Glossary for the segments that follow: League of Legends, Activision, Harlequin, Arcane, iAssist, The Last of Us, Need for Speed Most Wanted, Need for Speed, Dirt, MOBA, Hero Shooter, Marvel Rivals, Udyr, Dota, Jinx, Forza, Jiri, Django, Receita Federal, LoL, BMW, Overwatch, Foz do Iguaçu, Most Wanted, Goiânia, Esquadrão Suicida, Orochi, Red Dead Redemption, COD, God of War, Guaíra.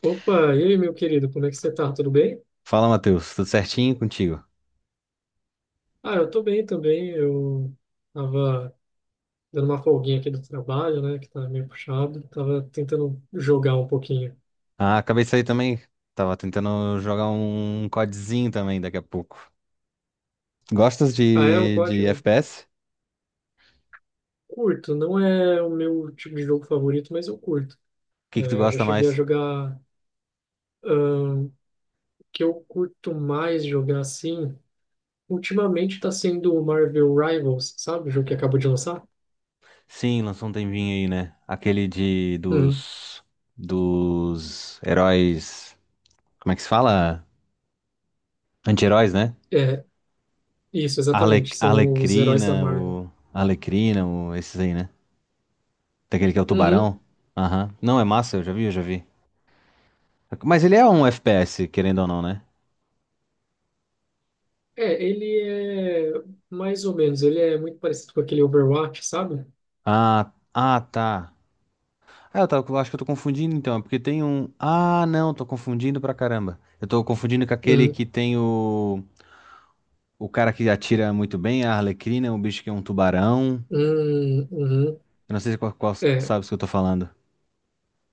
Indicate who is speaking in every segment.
Speaker 1: Opa, e aí, meu querido, como é que você tá? Tudo bem?
Speaker 2: Fala, Matheus. Tudo certinho contigo?
Speaker 1: Ah, eu tô bem também. Eu tava dando uma folguinha aqui do trabalho, né, que tá meio puxado. Tava tentando jogar um pouquinho.
Speaker 2: Ah, acabei de sair também. Tava tentando jogar um codezinho também daqui a pouco. Gostas
Speaker 1: Ah, é, eu,
Speaker 2: de,
Speaker 1: gosto-
Speaker 2: de
Speaker 1: eu
Speaker 2: FPS? O
Speaker 1: curto. Não é o meu tipo de jogo favorito, mas eu curto.
Speaker 2: que que tu
Speaker 1: É, eu já
Speaker 2: gosta
Speaker 1: cheguei a
Speaker 2: mais?
Speaker 1: jogar... ahn, O que eu curto mais jogar, assim, ultimamente tá sendo o Marvel Rivals, sabe? O jogo que acabou de lançar.
Speaker 2: Sim, lançou um tempinho aí, né? Aquele de
Speaker 1: Uhum.
Speaker 2: dos dos heróis, como é que se fala? Anti-heróis, né?
Speaker 1: É, isso, exatamente. São os heróis da
Speaker 2: Arlequina,
Speaker 1: Marvel.
Speaker 2: o Arlequina, o esses aí, né? Daquele que é o
Speaker 1: Uhum.
Speaker 2: tubarão. Aham. Não, é massa, eu já vi, eu já vi. Mas ele é um FPS, querendo ou não, né?
Speaker 1: É, ele é mais ou menos, ele é muito parecido com aquele Overwatch, sabe?
Speaker 2: Ah, ah, tá. Ah, eu acho que eu tô confundindo então, é porque tem um. Ah, não, tô confundindo pra caramba. Eu tô confundindo com aquele
Speaker 1: Uhum,
Speaker 2: que tem o. O cara que atira muito bem, a Arlequina, o bicho que é um tubarão.
Speaker 1: uhum, uhum.
Speaker 2: Eu não sei qual
Speaker 1: É,
Speaker 2: sabe o que eu tô falando.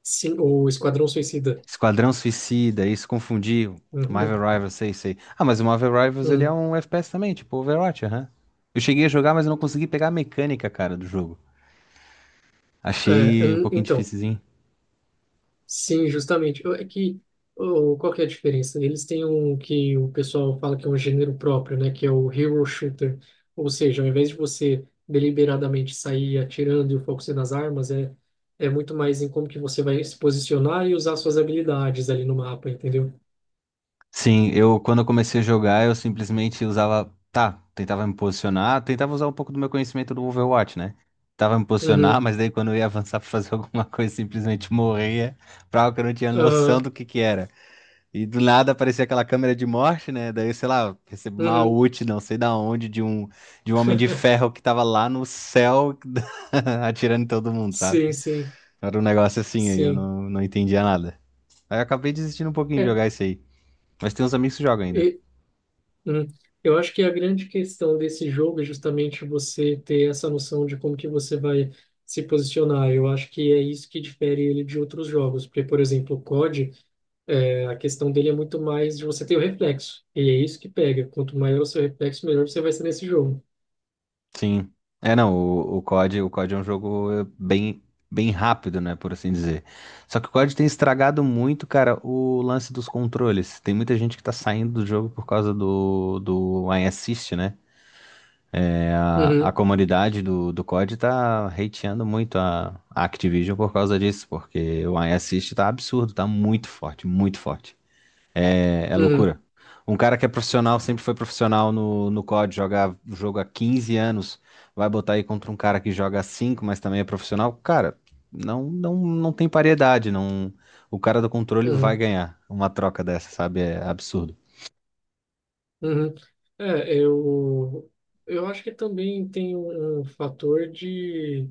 Speaker 1: sim, o Esquadrão Suicida.
Speaker 2: Esquadrão Suicida, isso confundi. Marvel
Speaker 1: Uhum,
Speaker 2: Rivals, sei, sei. Ah, mas o Marvel Rivals ele é
Speaker 1: uhum.
Speaker 2: um FPS também, tipo Overwatch, aham. Eu cheguei a jogar, mas eu não consegui pegar a mecânica, cara, do jogo.
Speaker 1: É,
Speaker 2: Achei um
Speaker 1: hum,
Speaker 2: pouquinho
Speaker 1: então,
Speaker 2: difícil.
Speaker 1: sim, justamente. É que, oh, qual que é a diferença? Eles têm um que o pessoal fala que é um gênero próprio, né? Que é o Hero Shooter. Ou seja, ao invés de você deliberadamente sair atirando e o foco ser nas armas, é, é muito mais em como que você vai se posicionar e usar suas habilidades ali no mapa, entendeu?
Speaker 2: Sim, eu quando eu comecei a jogar, eu simplesmente usava, tá, tentava me posicionar, tentava usar um pouco do meu conhecimento do Overwatch, né? Tentava me posicionar,
Speaker 1: Uhum,
Speaker 2: mas daí quando eu ia avançar pra fazer alguma coisa, simplesmente morria, pra algo que eu não tinha noção
Speaker 1: aham,
Speaker 2: do que era. E do nada aparecia aquela câmera de morte, né? Daí, sei lá, recebi uma
Speaker 1: uhum.
Speaker 2: ult, não sei da onde, de um homem de ferro que tava lá no céu atirando em todo mundo, sabe?
Speaker 1: Sim, sim,
Speaker 2: Era um negócio assim aí, eu
Speaker 1: sim.
Speaker 2: não entendia nada. Aí eu acabei desistindo um pouquinho de
Speaker 1: É,
Speaker 2: jogar isso aí. Mas tem uns amigos que jogam ainda.
Speaker 1: e, hum, eu acho que a grande questão desse jogo é justamente você ter essa noção de como que você vai se posicionar. Eu acho que é isso que difere ele de outros jogos, porque, por exemplo, o COD, é, a questão dele é muito mais de você ter o reflexo, e é isso que pega. Quanto maior o seu reflexo, melhor você vai ser nesse jogo.
Speaker 2: Sim. É, não, o COD é um jogo bem rápido, né, por assim dizer. Só que o COD tem estragado muito, cara, o lance dos controles. Tem muita gente que tá saindo do jogo por causa do iAssist, né? É, a
Speaker 1: Uhum,
Speaker 2: comunidade do COD tá hateando muito a Activision por causa disso, porque o iAssist tá absurdo, tá muito forte, muito forte. É, é
Speaker 1: uhum,
Speaker 2: loucura. Um cara que é profissional, sempre foi profissional no COD, joga o jogo há 15 anos, vai botar aí contra um cara que joga há 5, mas também é profissional. Cara, não, não, não tem paridade, não. O cara do controle vai
Speaker 1: uhum.
Speaker 2: ganhar uma troca dessa, sabe? É absurdo.
Speaker 1: Uhum. É, eu acho que também tem um fator de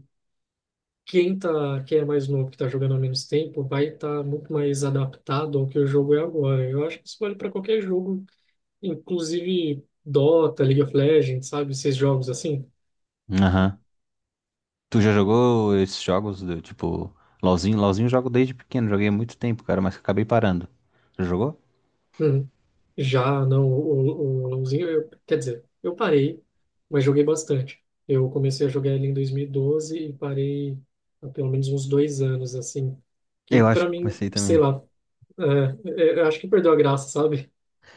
Speaker 1: quem tá, quem é mais novo, que tá jogando há menos tempo, vai estar muito mais adaptado ao que o jogo é agora. Eu acho que isso vale para qualquer jogo, inclusive Dota, League of Legends, sabe? Esses jogos assim.
Speaker 2: Aham. Tu já jogou esses jogos do tipo LoLzinho? LoLzinho eu jogo desde pequeno, joguei há muito tempo, cara, mas acabei parando. Já jogou?
Speaker 1: Uhum. Já, não, o LoLzinho, eu, quer dizer, eu parei, mas joguei bastante. Eu comecei a jogar ele em 2012 e parei há pelo menos uns dois anos, assim que
Speaker 2: Eu acho
Speaker 1: para
Speaker 2: que
Speaker 1: mim,
Speaker 2: comecei
Speaker 1: sei
Speaker 2: também.
Speaker 1: lá, é, é, eu acho que perdeu a graça, sabe?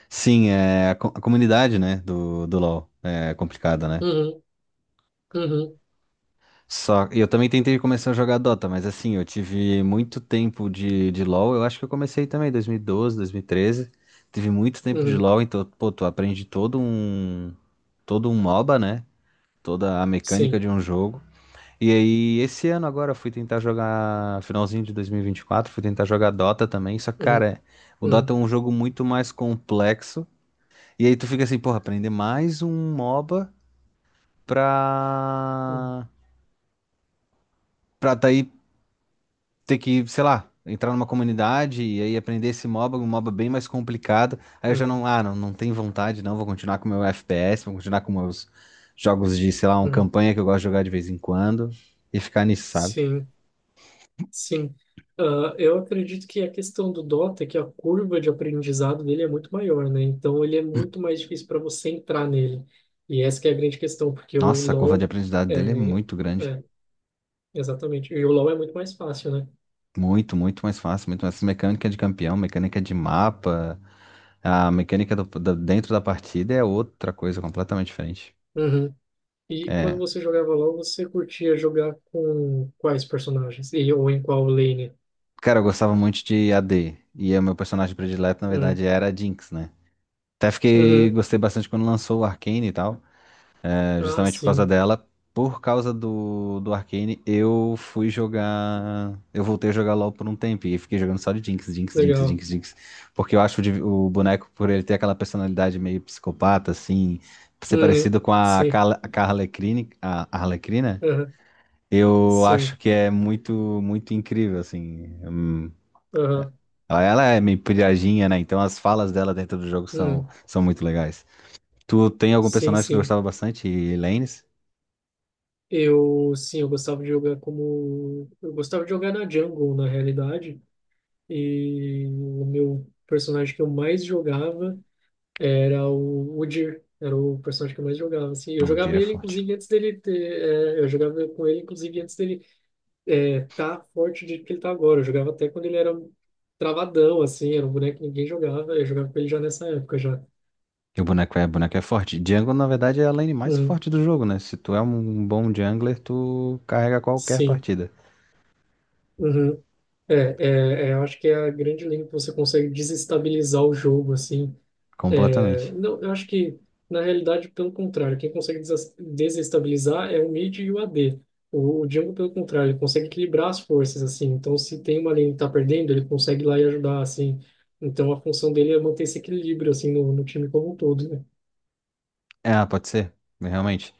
Speaker 2: Sim, é a comunidade, né, do LoL é complicada, né?
Speaker 1: Uhum, uhum,
Speaker 2: Só, eu também tentei começar a jogar Dota, mas assim, eu tive muito tempo de LoL. Eu acho que eu comecei também em 2012, 2013. Tive muito tempo de
Speaker 1: uhum,
Speaker 2: LoL, então, pô, tu aprende todo um MOBA, né? Toda a mecânica
Speaker 1: sim,
Speaker 2: de um jogo. E aí, esse ano agora, eu fui tentar jogar, finalzinho de 2024, fui tentar jogar Dota também. Só que,
Speaker 1: uhum,
Speaker 2: cara, o Dota é
Speaker 1: uhum,
Speaker 2: um jogo muito mais complexo. E aí tu fica assim, porra, aprender mais um MOBA
Speaker 1: uhum,
Speaker 2: pra pra tá aí ter que, sei lá, entrar numa comunidade e aí aprender esse MOBA, um MOBA bem mais complicado. Aí eu já
Speaker 1: uhum,
Speaker 2: não, não tenho vontade, não, vou continuar com o meu FPS, vou continuar com meus jogos de, sei lá, uma
Speaker 1: uhum,
Speaker 2: campanha que eu gosto de jogar de vez em quando e ficar nisso, sabe?
Speaker 1: sim, sim. Ah, eu acredito que a questão do Dota é que a curva de aprendizado dele é muito maior, né? Então ele é muito mais difícil para você entrar nele. E essa que é a grande questão, porque o
Speaker 2: Nossa, a curva de
Speaker 1: LoL
Speaker 2: aprendizado dele é
Speaker 1: é,
Speaker 2: muito grande.
Speaker 1: é, exatamente. E o LoL é muito mais fácil, né?
Speaker 2: Muito, muito mais fácil. Muito mais mecânica de campeão, mecânica de mapa, a mecânica dentro da partida é outra coisa completamente diferente.
Speaker 1: Uhum. E quando
Speaker 2: É.
Speaker 1: você jogava LoL, você curtia jogar com quais personagens? E, ou em qual lane?
Speaker 2: Cara, eu gostava muito de AD. E o meu personagem predileto, na
Speaker 1: Hum.
Speaker 2: verdade, era a Jinx, né?
Speaker 1: Uhum.
Speaker 2: Gostei bastante quando lançou o Arcane e tal, é,
Speaker 1: Ah,
Speaker 2: justamente por causa
Speaker 1: sim.
Speaker 2: dela. Por causa do Arcane, eu fui jogar. Eu voltei a jogar LoL por um tempo e fiquei jogando só de Jinx, Jinx, Jinx,
Speaker 1: Legal.
Speaker 2: Jinx, Jinx. Porque eu acho o boneco, por ele ter aquela personalidade meio psicopata, assim, ser
Speaker 1: Uhum.
Speaker 2: parecido com a,
Speaker 1: Sim.
Speaker 2: Carla- a Harlequin, a Arlequina,
Speaker 1: Uhum.
Speaker 2: eu acho
Speaker 1: Sim.
Speaker 2: que é muito, muito incrível, assim.
Speaker 1: Uhum.
Speaker 2: Ela é meio piradinha, né? Então as falas dela dentro do jogo são,
Speaker 1: Uhum.
Speaker 2: são muito legais. Tu tem algum
Speaker 1: Sim,
Speaker 2: personagem que tu
Speaker 1: sim.
Speaker 2: gostava bastante? E Lanes?
Speaker 1: Eu, sim, eu gostava de jogar como... Eu gostava de jogar na jungle, na realidade. E o meu personagem que eu mais jogava era o Udyr. Era o personagem que eu mais jogava, assim. Eu
Speaker 2: O
Speaker 1: jogava
Speaker 2: Jiri é
Speaker 1: ele,
Speaker 2: forte.
Speaker 1: inclusive, antes dele ter... é, eu jogava com ele, inclusive, antes dele é, tá forte do jeito que ele tá agora. Eu jogava até quando ele era um travadão, assim, era um boneco que ninguém jogava. Eu jogava com ele já nessa época, já.
Speaker 2: E o boneco é forte. Jungle, na verdade, é a lane mais
Speaker 1: Uhum,
Speaker 2: forte do jogo, né? Se tu é um bom jungler, tu carrega qualquer
Speaker 1: sim.
Speaker 2: partida.
Speaker 1: Uhum. É, é, é, eu acho que é a grande linha que você consegue desestabilizar o jogo, assim. É,
Speaker 2: Completamente.
Speaker 1: não, eu acho que, na realidade, pelo contrário, quem consegue desestabilizar é o mid e o AD. O Django, pelo contrário, ele consegue equilibrar as forças, assim. Então, se tem uma lane que tá perdendo, ele consegue ir lá e ajudar, assim. Então, a função dele é manter esse equilíbrio, assim, no time como um todo, né?
Speaker 2: Ah, pode ser. Realmente.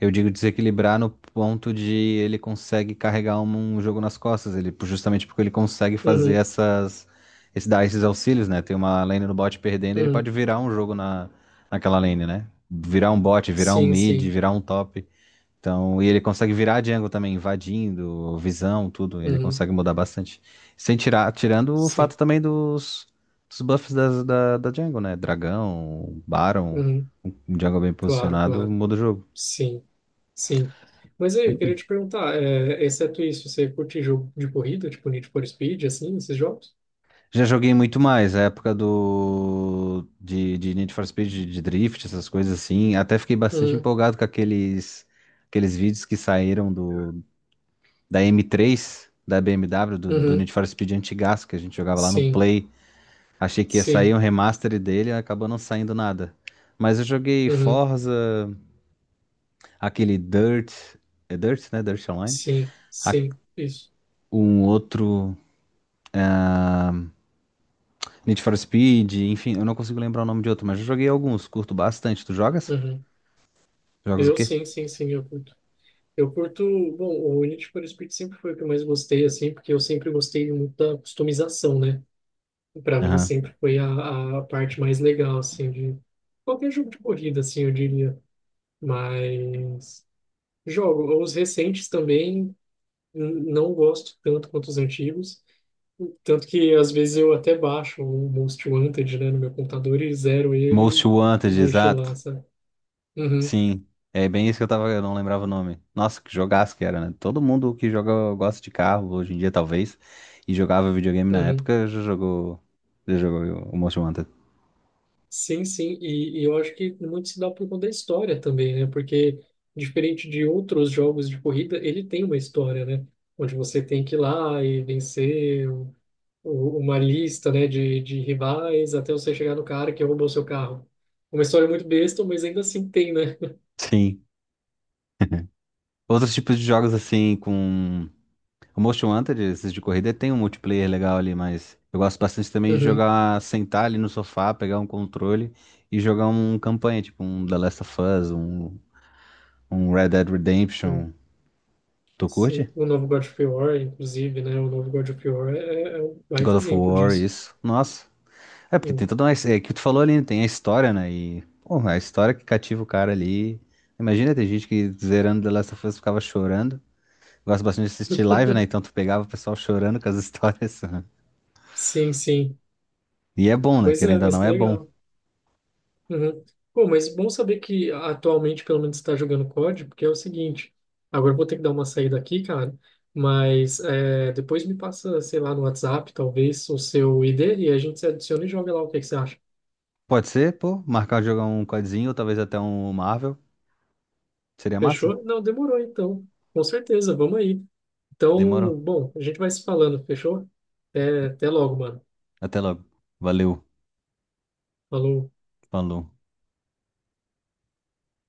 Speaker 2: Eu digo desequilibrar no ponto de ele consegue carregar um jogo nas costas. Ele, justamente porque ele consegue fazer
Speaker 1: Uhum,
Speaker 2: essas. Dar esses auxílios, né? Tem uma lane no bot perdendo, ele pode
Speaker 1: uhum.
Speaker 2: virar um jogo naquela lane, né? Virar um bot, virar um
Speaker 1: Sim,
Speaker 2: mid,
Speaker 1: sim.
Speaker 2: virar um top. Então, e ele consegue virar a Django também, invadindo, visão, tudo. Ele
Speaker 1: Uhum,
Speaker 2: consegue mudar bastante. Sem tirar, tirando o
Speaker 1: sim.
Speaker 2: fato também dos buffs da Django, né? Dragão, Baron,
Speaker 1: Uhum.
Speaker 2: um Django bem
Speaker 1: Claro,
Speaker 2: posicionado,
Speaker 1: claro.
Speaker 2: muda o jogo.
Speaker 1: Sim, sim. Mas aí, eu queria te perguntar, é, exceto isso, você curte jogo de corrida, tipo Need for Speed, assim, esses jogos?
Speaker 2: Já joguei muito mais, a época de Need for Speed, de Drift, essas coisas assim. Até fiquei bastante
Speaker 1: Uhum.
Speaker 2: empolgado com aqueles vídeos que saíram do, da M3, da BMW, do
Speaker 1: Uhum.
Speaker 2: Need for Speed antigaço, que a gente jogava lá no
Speaker 1: Sim,
Speaker 2: Play. Achei que ia sair um
Speaker 1: sim,
Speaker 2: remaster dele, acabou não saindo nada. Mas eu joguei
Speaker 1: uhum,
Speaker 2: Forza, aquele Dirt, é Dirt, né? Dirt Online.
Speaker 1: sim,
Speaker 2: A-
Speaker 1: sim, isso.
Speaker 2: Um outro Need for Speed, enfim, eu não consigo lembrar o nome de outro, mas eu joguei alguns, curto bastante. Tu jogas?
Speaker 1: Uhum.
Speaker 2: Jogas o
Speaker 1: Eu
Speaker 2: quê?
Speaker 1: sim, sim, sim, eu curto. Eu curto, bom, o Need for Speed sempre foi o que eu mais gostei, assim, porque eu sempre gostei muito da customização, né? Para mim
Speaker 2: Aham.
Speaker 1: sempre foi a parte mais legal, assim, de qualquer jogo de corrida, assim, eu diria. Mas jogo, os recentes também não gosto tanto quanto os antigos. Tanto que às vezes eu até baixo o Most Wanted, né, no meu computador e zero
Speaker 2: Most
Speaker 1: ele e
Speaker 2: Wanted,
Speaker 1: deixo ele lá,
Speaker 2: exato.
Speaker 1: sabe? Uhum,
Speaker 2: Sim. É bem isso que eu tava, eu não lembrava o nome. Nossa, que jogaço que era, né? Todo mundo que joga gosta de carro hoje em dia, talvez, e jogava videogame na
Speaker 1: uhum.
Speaker 2: época, já jogou o Most Wanted.
Speaker 1: Sim, sim, e eu acho que muito se dá por conta da história também, né? Porque diferente de outros jogos de corrida, ele tem uma história, né? Onde você tem que ir lá e vencer uma lista, né, de rivais até você chegar no cara que roubou seu carro. Uma história muito besta, mas ainda assim tem, né?
Speaker 2: Sim. Outros tipos de jogos assim, com o Most Wanted, esses de corrida, tem um multiplayer legal ali, mas eu gosto bastante também de
Speaker 1: Uhum.
Speaker 2: jogar, sentar ali no sofá, pegar um controle e jogar um campanha, tipo um The Last of Us, um Red Dead
Speaker 1: Uhum.
Speaker 2: Redemption. Tu curte?
Speaker 1: Sim, o novo God of War, inclusive, né? O novo God of War é, é um
Speaker 2: God
Speaker 1: baita
Speaker 2: of
Speaker 1: exemplo
Speaker 2: War,
Speaker 1: disso.
Speaker 2: isso. Nossa. É, porque tem
Speaker 1: Hum.
Speaker 2: toda uma. É que tu falou ali, tem a história, né? E, pô, a história que cativa o cara ali. Imagina, tem gente que zerando The Last of Us ficava chorando. Gosto bastante de assistir live, né? Então tu pegava o pessoal chorando com as histórias.
Speaker 1: Sim, sim.
Speaker 2: E é bom, né?
Speaker 1: Pois é,
Speaker 2: Querendo ou
Speaker 1: mas
Speaker 2: não,
Speaker 1: que
Speaker 2: é bom.
Speaker 1: legal. Uhum. Pô, mas bom saber que atualmente pelo menos está jogando COD, porque é o seguinte, agora eu vou ter que dar uma saída aqui, cara, mas é, depois me passa, sei lá, no WhatsApp, talvez, o seu ID e a gente se adiciona e joga lá o que que você acha.
Speaker 2: Pode ser, pô, marcar jogar um codzinho ou talvez até um Marvel. Seria massa?
Speaker 1: Fechou? Não, demorou então. Com certeza, vamos aí. Então,
Speaker 2: Demorou.
Speaker 1: bom, a gente vai se falando, fechou? Até, até logo, mano.
Speaker 2: Até logo. Valeu.
Speaker 1: Falou.
Speaker 2: Falou.